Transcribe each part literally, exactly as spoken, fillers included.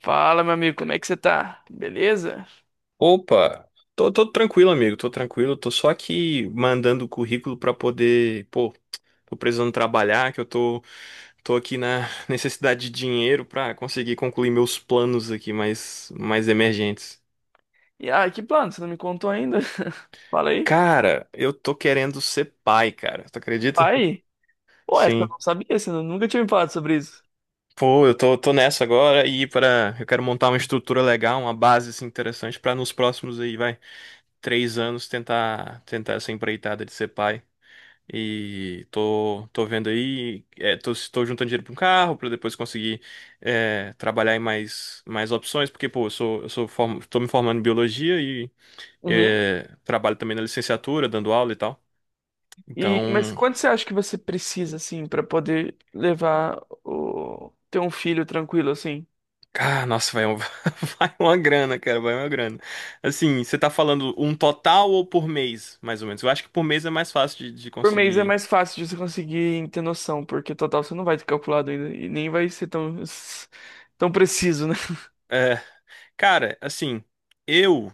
Fala, meu amigo, como é que você tá? Beleza? Opa, tô, tô tranquilo, amigo, tô tranquilo, tô só aqui mandando currículo pra poder, pô, tô precisando trabalhar, que eu tô, tô aqui na necessidade de dinheiro pra conseguir concluir meus planos aqui mais, mais emergentes. E ah, que plano? Você não me contou ainda? Fala aí. Cara, eu tô querendo ser pai, cara, tu acredita? Pai? Pô, essa eu Sim. não sabia, você nunca tinha me falado sobre isso. Pô, eu tô, tô nessa agora e para eu quero montar uma estrutura legal, uma base assim, interessante pra nos próximos aí, vai, três anos tentar tentar essa empreitada de ser pai. E tô, tô vendo aí, é, tô, tô juntando dinheiro para um carro para depois conseguir é, trabalhar em mais, mais opções, porque pô, eu sou, eu sou form... tô me formando em biologia e Uhum. é, trabalho também na licenciatura, dando aula e tal. E, mas Então, quanto você acha que você precisa, assim, pra poder levar o... ter um filho tranquilo, assim? cara, nossa, vai, um- vai uma grana, cara, vai uma grana. Assim, você tá falando um total ou por mês, mais ou menos? Eu acho que por mês é mais fácil de, de Por mês é conseguir. mais fácil de você conseguir ter noção, porque total você não vai ter calculado ainda e nem vai ser tão, tão preciso, né? É, cara, assim, eu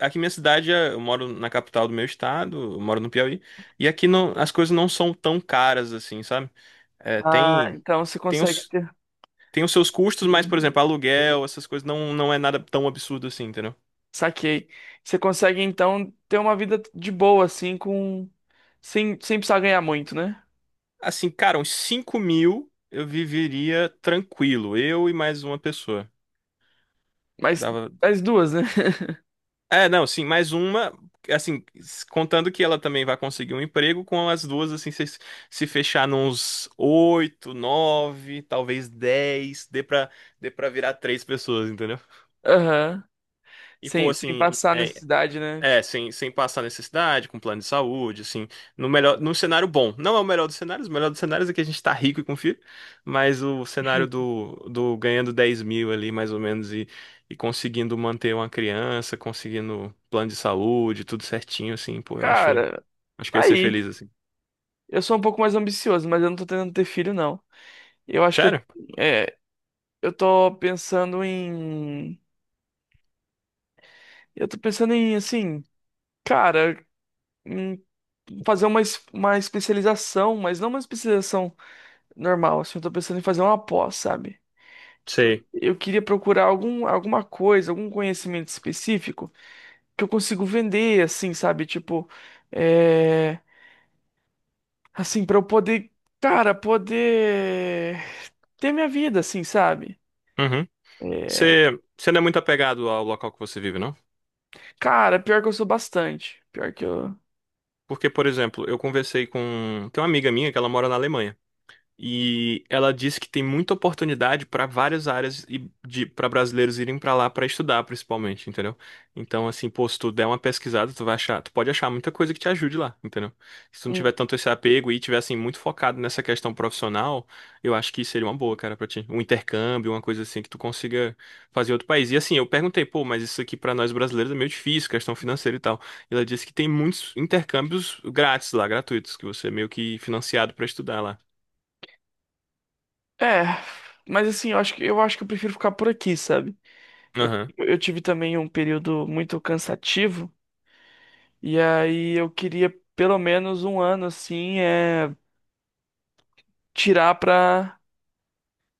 aqui minha cidade, é- eu moro na capital do meu estado, eu moro no Piauí, e aqui não, as coisas não são tão caras assim, sabe? É, Ah, tem, então você tem consegue. os, tem os seus custos, mas, por exemplo, aluguel, essas coisas não, não é nada tão absurdo assim, entendeu? Saquei. Você consegue então ter uma vida de boa, assim, com. Sem, sem precisar ganhar muito, né? Assim, cara, uns cinco mil eu viveria tranquilo, eu e mais uma pessoa. Mas Dava, as duas, né? é, não, sim, mais uma, assim, contando que ela também vai conseguir um emprego, com as duas, assim, se, se fechar nos oito, nove, talvez dez, dê pra, dê pra virar três pessoas, entendeu? Aham. E, pô, Sem, sem assim, passar é, necessidade, né? é, Tipo, sem, sem passar necessidade, com plano de saúde, assim, no melhor, num cenário bom. Não é o melhor dos cenários, o melhor dos cenários é que a gente tá rico e confia, mas o cenário do, do ganhando dez mil ali, mais ou menos, e, e conseguindo manter uma criança, conseguindo plano de saúde, tudo certinho, assim, pô, eu acho, cara, acho que eu tá ia ser aí. feliz, assim. Eu sou um pouco mais ambicioso, mas eu não tô tentando ter filho, não. Eu acho que, Sério? é, eu tô pensando em. Eu tô pensando em, assim, cara, em fazer uma, es- uma especialização, mas não uma especialização normal, assim. Eu tô pensando em fazer uma pós, sabe? Sei. Eu queria procurar algum, alguma coisa, algum conhecimento específico que eu consigo vender, assim, sabe? Tipo, é... assim, pra eu poder, cara, poder ter minha vida, assim, sabe? Uhum. É, Você, você não é muito apegado ao local que você vive, não? cara, pior que eu sou bastante. Pior que eu. Porque, por exemplo, eu conversei com, tem uma amiga minha que ela mora na Alemanha. E ela disse que tem muita oportunidade para várias áreas e de para brasileiros irem para lá para estudar, principalmente, entendeu? Então, assim, pô, se tu der uma pesquisada, tu vai achar, tu pode achar muita coisa que te ajude lá, entendeu? Se tu não Hum. tiver tanto esse apego e tiver assim muito focado nessa questão profissional, eu acho que seria uma boa, cara, para ti. Um intercâmbio, uma coisa assim que tu consiga fazer em outro país. E assim, eu perguntei, pô, mas isso aqui para nós brasileiros é meio difícil, questão financeira e tal. E ela disse que tem muitos intercâmbios grátis lá, gratuitos, que você é meio que financiado para estudar lá. É, mas assim, eu acho que eu acho que eu prefiro ficar por aqui, sabe? Aham. Eu, eu tive também um período muito cansativo, e aí eu queria pelo menos um ano assim, é, tirar pra.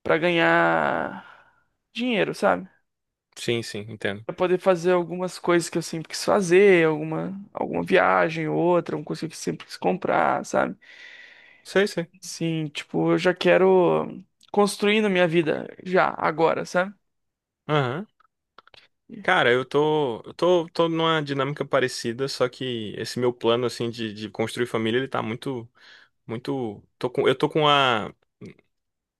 Pra ganhar dinheiro, sabe? Sim, sim, entendo. Pra poder fazer algumas coisas que eu sempre quis fazer, alguma, alguma viagem ou outra, alguma coisa que eu sempre quis comprar, sabe? Sei, sei. Sim, tipo, eu já quero construindo minha vida já, agora, sabe? Aham. Cara, eu tô, eu tô, tô numa dinâmica parecida, só que esse meu plano, assim, de, de construir família, ele tá muito, muito, tô com, eu tô com a,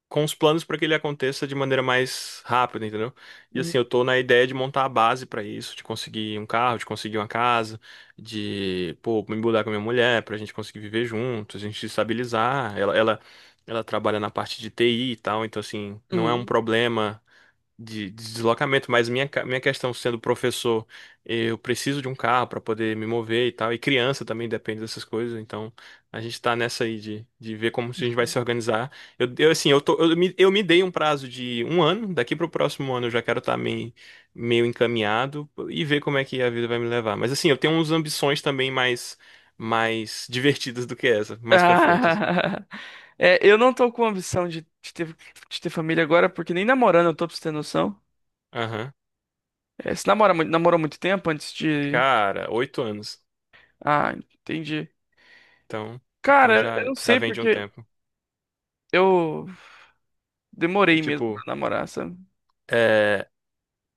com os planos pra que ele aconteça de maneira mais rápida, entendeu? E assim, Uhum. eu tô na ideia de montar a base pra isso, de conseguir um carro, de conseguir uma casa, de, pô, me mudar com a minha mulher, pra gente conseguir viver juntos, a gente se estabilizar. Ela, ela, ela trabalha na parte de T I e tal, então assim, não é um Uhum. problema de, de deslocamento, mas minha, ca- minha questão sendo professor, eu preciso de um carro para poder me mover e tal, e criança também depende dessas coisas, então a gente tá nessa aí de, de ver como a gente vai se organizar. Eu, eu, assim, eu tô, eu me, eu me dei um prazo de um ano, daqui para o próximo ano eu já quero estar meio, meio encaminhado e ver como é que a vida vai me levar. Mas assim, eu tenho umas ambições também mais, mais divertidas do que essa, mais para frente, assim. Ah, é, eu não tô com ambição de, de ter, de ter família agora, porque nem namorando eu tô pra você ter noção. Aham. É, você namora, mui- namorou muito tempo antes de. Cara, oito anos. Ah, entendi. Então, então Cara, eu já, não já sei vem de um porque tempo. eu É demorei mesmo pra tipo, namorar, sabe? é.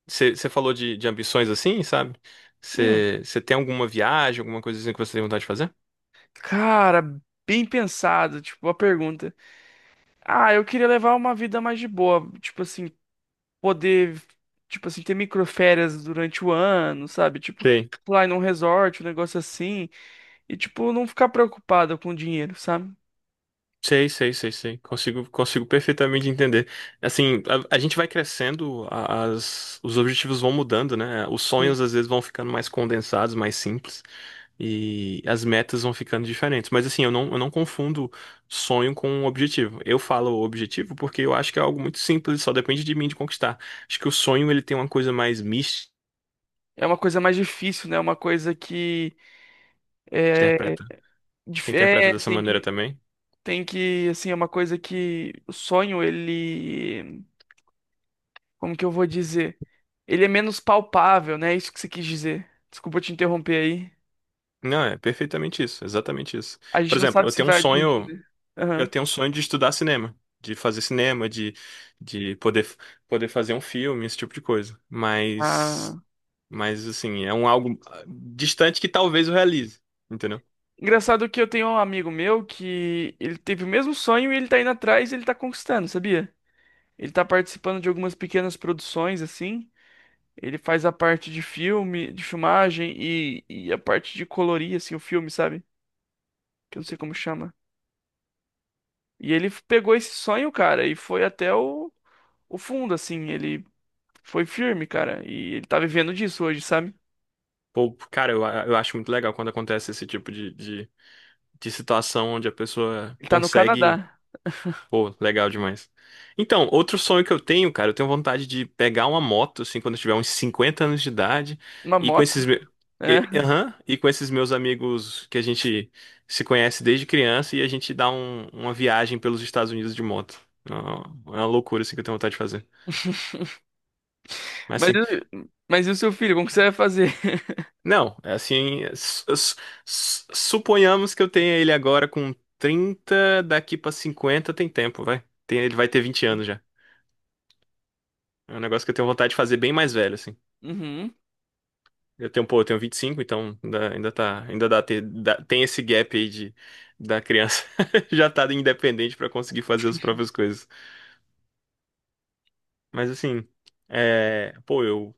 Você falou de, de ambições assim, sabe? Hum, Você tem alguma viagem, alguma coisa assim que você tem vontade de fazer? cara, bem pensado, tipo, a pergunta. Ah, eu queria levar uma vida mais de boa, tipo assim, poder, tipo assim, ter microférias durante o ano, sabe? Tipo, Sei, pular em um resort, um negócio assim. E, tipo, não ficar preocupado com o dinheiro, sabe? sei, sei, sei, sei. Consigo, consigo perfeitamente entender. Assim, a, a gente vai crescendo, a- as, os objetivos vão mudando, né? Os Sim. sonhos às vezes vão ficando mais condensados, mais simples, e as metas vão ficando diferentes. Mas assim, eu não, eu não confundo sonho com objetivo. Eu falo objetivo porque eu acho que é algo muito simples, só depende de mim de conquistar. Acho que o sonho ele tem uma coisa mais mística. É uma coisa mais difícil, né? É uma coisa que é, Você dif- interpreta é, dessa tem maneira que também? tem que assim, é uma coisa que o sonho ele, como que eu vou dizer? Ele é menos palpável, né? É isso que você quis dizer. Desculpa te interromper aí. Não, é perfeitamente isso, exatamente isso. A Por gente não exemplo, sabe eu se tenho um vai atingir, sonho, né? eu Aham. tenho um sonho de estudar cinema, de fazer cinema, de, de poder, poder fazer um filme, esse tipo de coisa. Mas, Ah. mas assim, é um algo ah, distante que talvez eu realize, entendeu? Engraçado que eu tenho um amigo meu que ele teve o mesmo sonho e ele tá indo atrás e ele tá conquistando, sabia? Ele tá participando de algumas pequenas produções assim. Ele faz a parte de filme, de filmagem e, e a parte de colorir, assim, o filme, sabe? Que eu não sei como chama. E ele f- pegou esse sonho, cara, e foi até o, o fundo, assim. Ele foi firme, cara. E ele tá vivendo disso hoje, sabe? Pô, cara, eu, eu acho muito legal quando acontece esse tipo de, de, de situação onde a pessoa Ele tá no consegue. Canadá. Pô, legal demais. Então, outro sonho que eu tenho, cara, eu tenho vontade de pegar uma moto, assim, quando eu tiver uns cinquenta anos de idade, Uma e com moto, esses, me- né? e, aham, e com esses meus amigos que a gente se conhece desde criança, e a gente dá um- uma viagem pelos Estados Unidos de moto. É uma é uma loucura, assim, que eu tenho vontade de fazer. Mas, Mas, assim, e- mas e o seu filho? Como que você vai fazer? não, é assim, su- su- su- suponhamos que eu tenha ele agora com trinta daqui pra cinquenta tem tempo, vai. Tem- ele vai ter vinte anos já. É um negócio que eu tenho vontade de fazer bem mais velho, assim. Uhum. Eu tenho, pô, eu tenho vinte e cinco, então ainda, ainda tá, ainda dá, ter, dá- tem esse gap aí de da criança já tá independente pra conseguir fazer as próprias coisas. Mas assim, é, pô, eu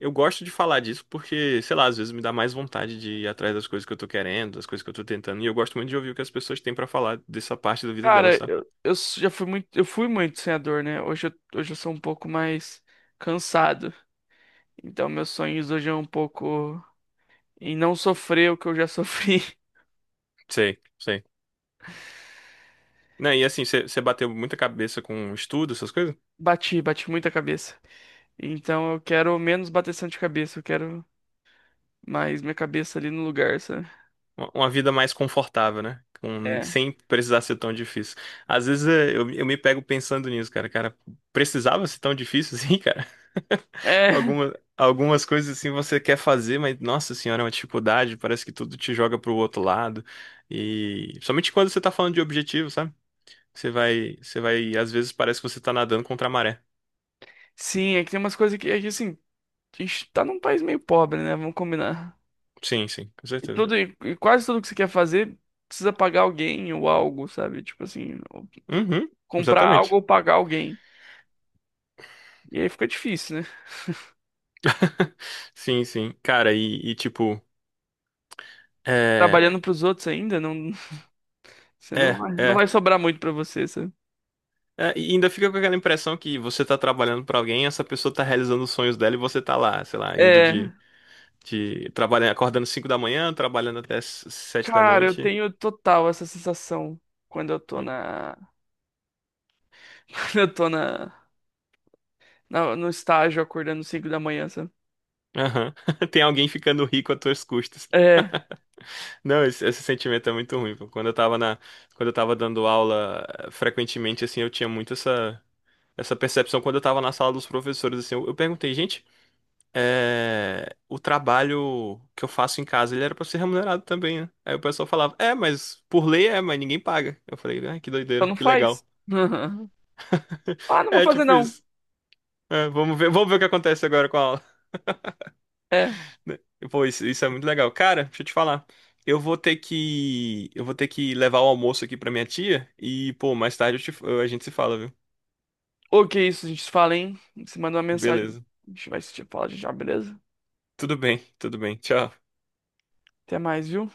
eu gosto de falar disso porque, sei lá, às vezes me dá mais vontade de ir atrás das coisas que eu tô querendo, das coisas que eu tô tentando, e eu gosto muito de ouvir o que as pessoas têm pra falar dessa parte da vida delas, Cara, sabe? eu, eu s- já fui muito, eu fui muito sonhador, né? Hoje eu, hoje eu sou um pouco mais cansado. Então meus sonhos hoje é um pouco. E não sofrer o que eu já sofri. Sei, sei. Né, e assim, você bateu muita cabeça com estudo, essas coisas? Bati, bati muita cabeça. Então eu quero menos bateção de cabeça, eu quero mais minha cabeça ali no lugar, sabe? uma uma vida mais confortável, né? Com- É. sem precisar ser tão difícil. Às vezes é, eu, eu me pego pensando nisso, cara. Cara, precisava ser tão difícil assim, cara? É, Alguma, algumas coisas assim você quer fazer, mas nossa senhora, é uma dificuldade. Parece que tudo te joga pro outro lado. E somente quando você tá falando de objetivo, sabe? Você vai, você vai, às vezes parece que você tá nadando contra a maré. sim, é que tem umas coisas que, é que assim, a gente tá num país meio pobre, né? Vamos combinar. Sim, sim, com E certeza. tudo, e e quase tudo que você quer fazer precisa pagar alguém ou algo, sabe? Tipo assim, ou Uhum, comprar algo exatamente. ou pagar alguém. E aí fica difícil, né? Sim, sim. Cara, e, e tipo, é, Trabalhando pros outros ainda, não, você não é, vai, não é. vai sobrar muito pra você, sabe? É, e ainda fica com aquela impressão que você tá trabalhando pra alguém, essa pessoa tá realizando os sonhos dela e você tá lá, sei lá, indo É. de, de trabalhando, acordando cinco da manhã, trabalhando até s- sete da Cara, eu noite. tenho total essa sensação quando eu tô na. Quando eu tô na... na- no estágio acordando cinco da manhã, sabe? Aham. Tem alguém ficando rico às tuas custas. É, Não, esse, esse sentimento é muito ruim. Pô. Quando eu tava na, quando eu tava dando aula eh, frequentemente, assim, eu tinha muito essa, essa percepção quando eu tava na sala dos professores, assim, eu, eu perguntei, gente, é, o trabalho que eu faço em casa, ele era pra ser remunerado também, né? Aí o pessoal falava, é, mas por lei é, mas ninguém paga. Eu falei, ah, que só doideira, não que faz. legal. Ah, não vou É, fazer tipo não. isso. É, vamos ver, vamos ver o que acontece agora com a aula. É. Pô, isso, isso é muito legal. Cara, deixa eu te falar. Eu vou ter que, eu vou ter que levar o almoço aqui pra minha tia e, pô, mais tarde eu te- a gente se fala, viu? Ok, isso, a gente se fala, hein? Você manda uma mensagem. Beleza. A gente vai se falar já, beleza? Tudo bem, tudo bem. Tchau. Até mais, viu?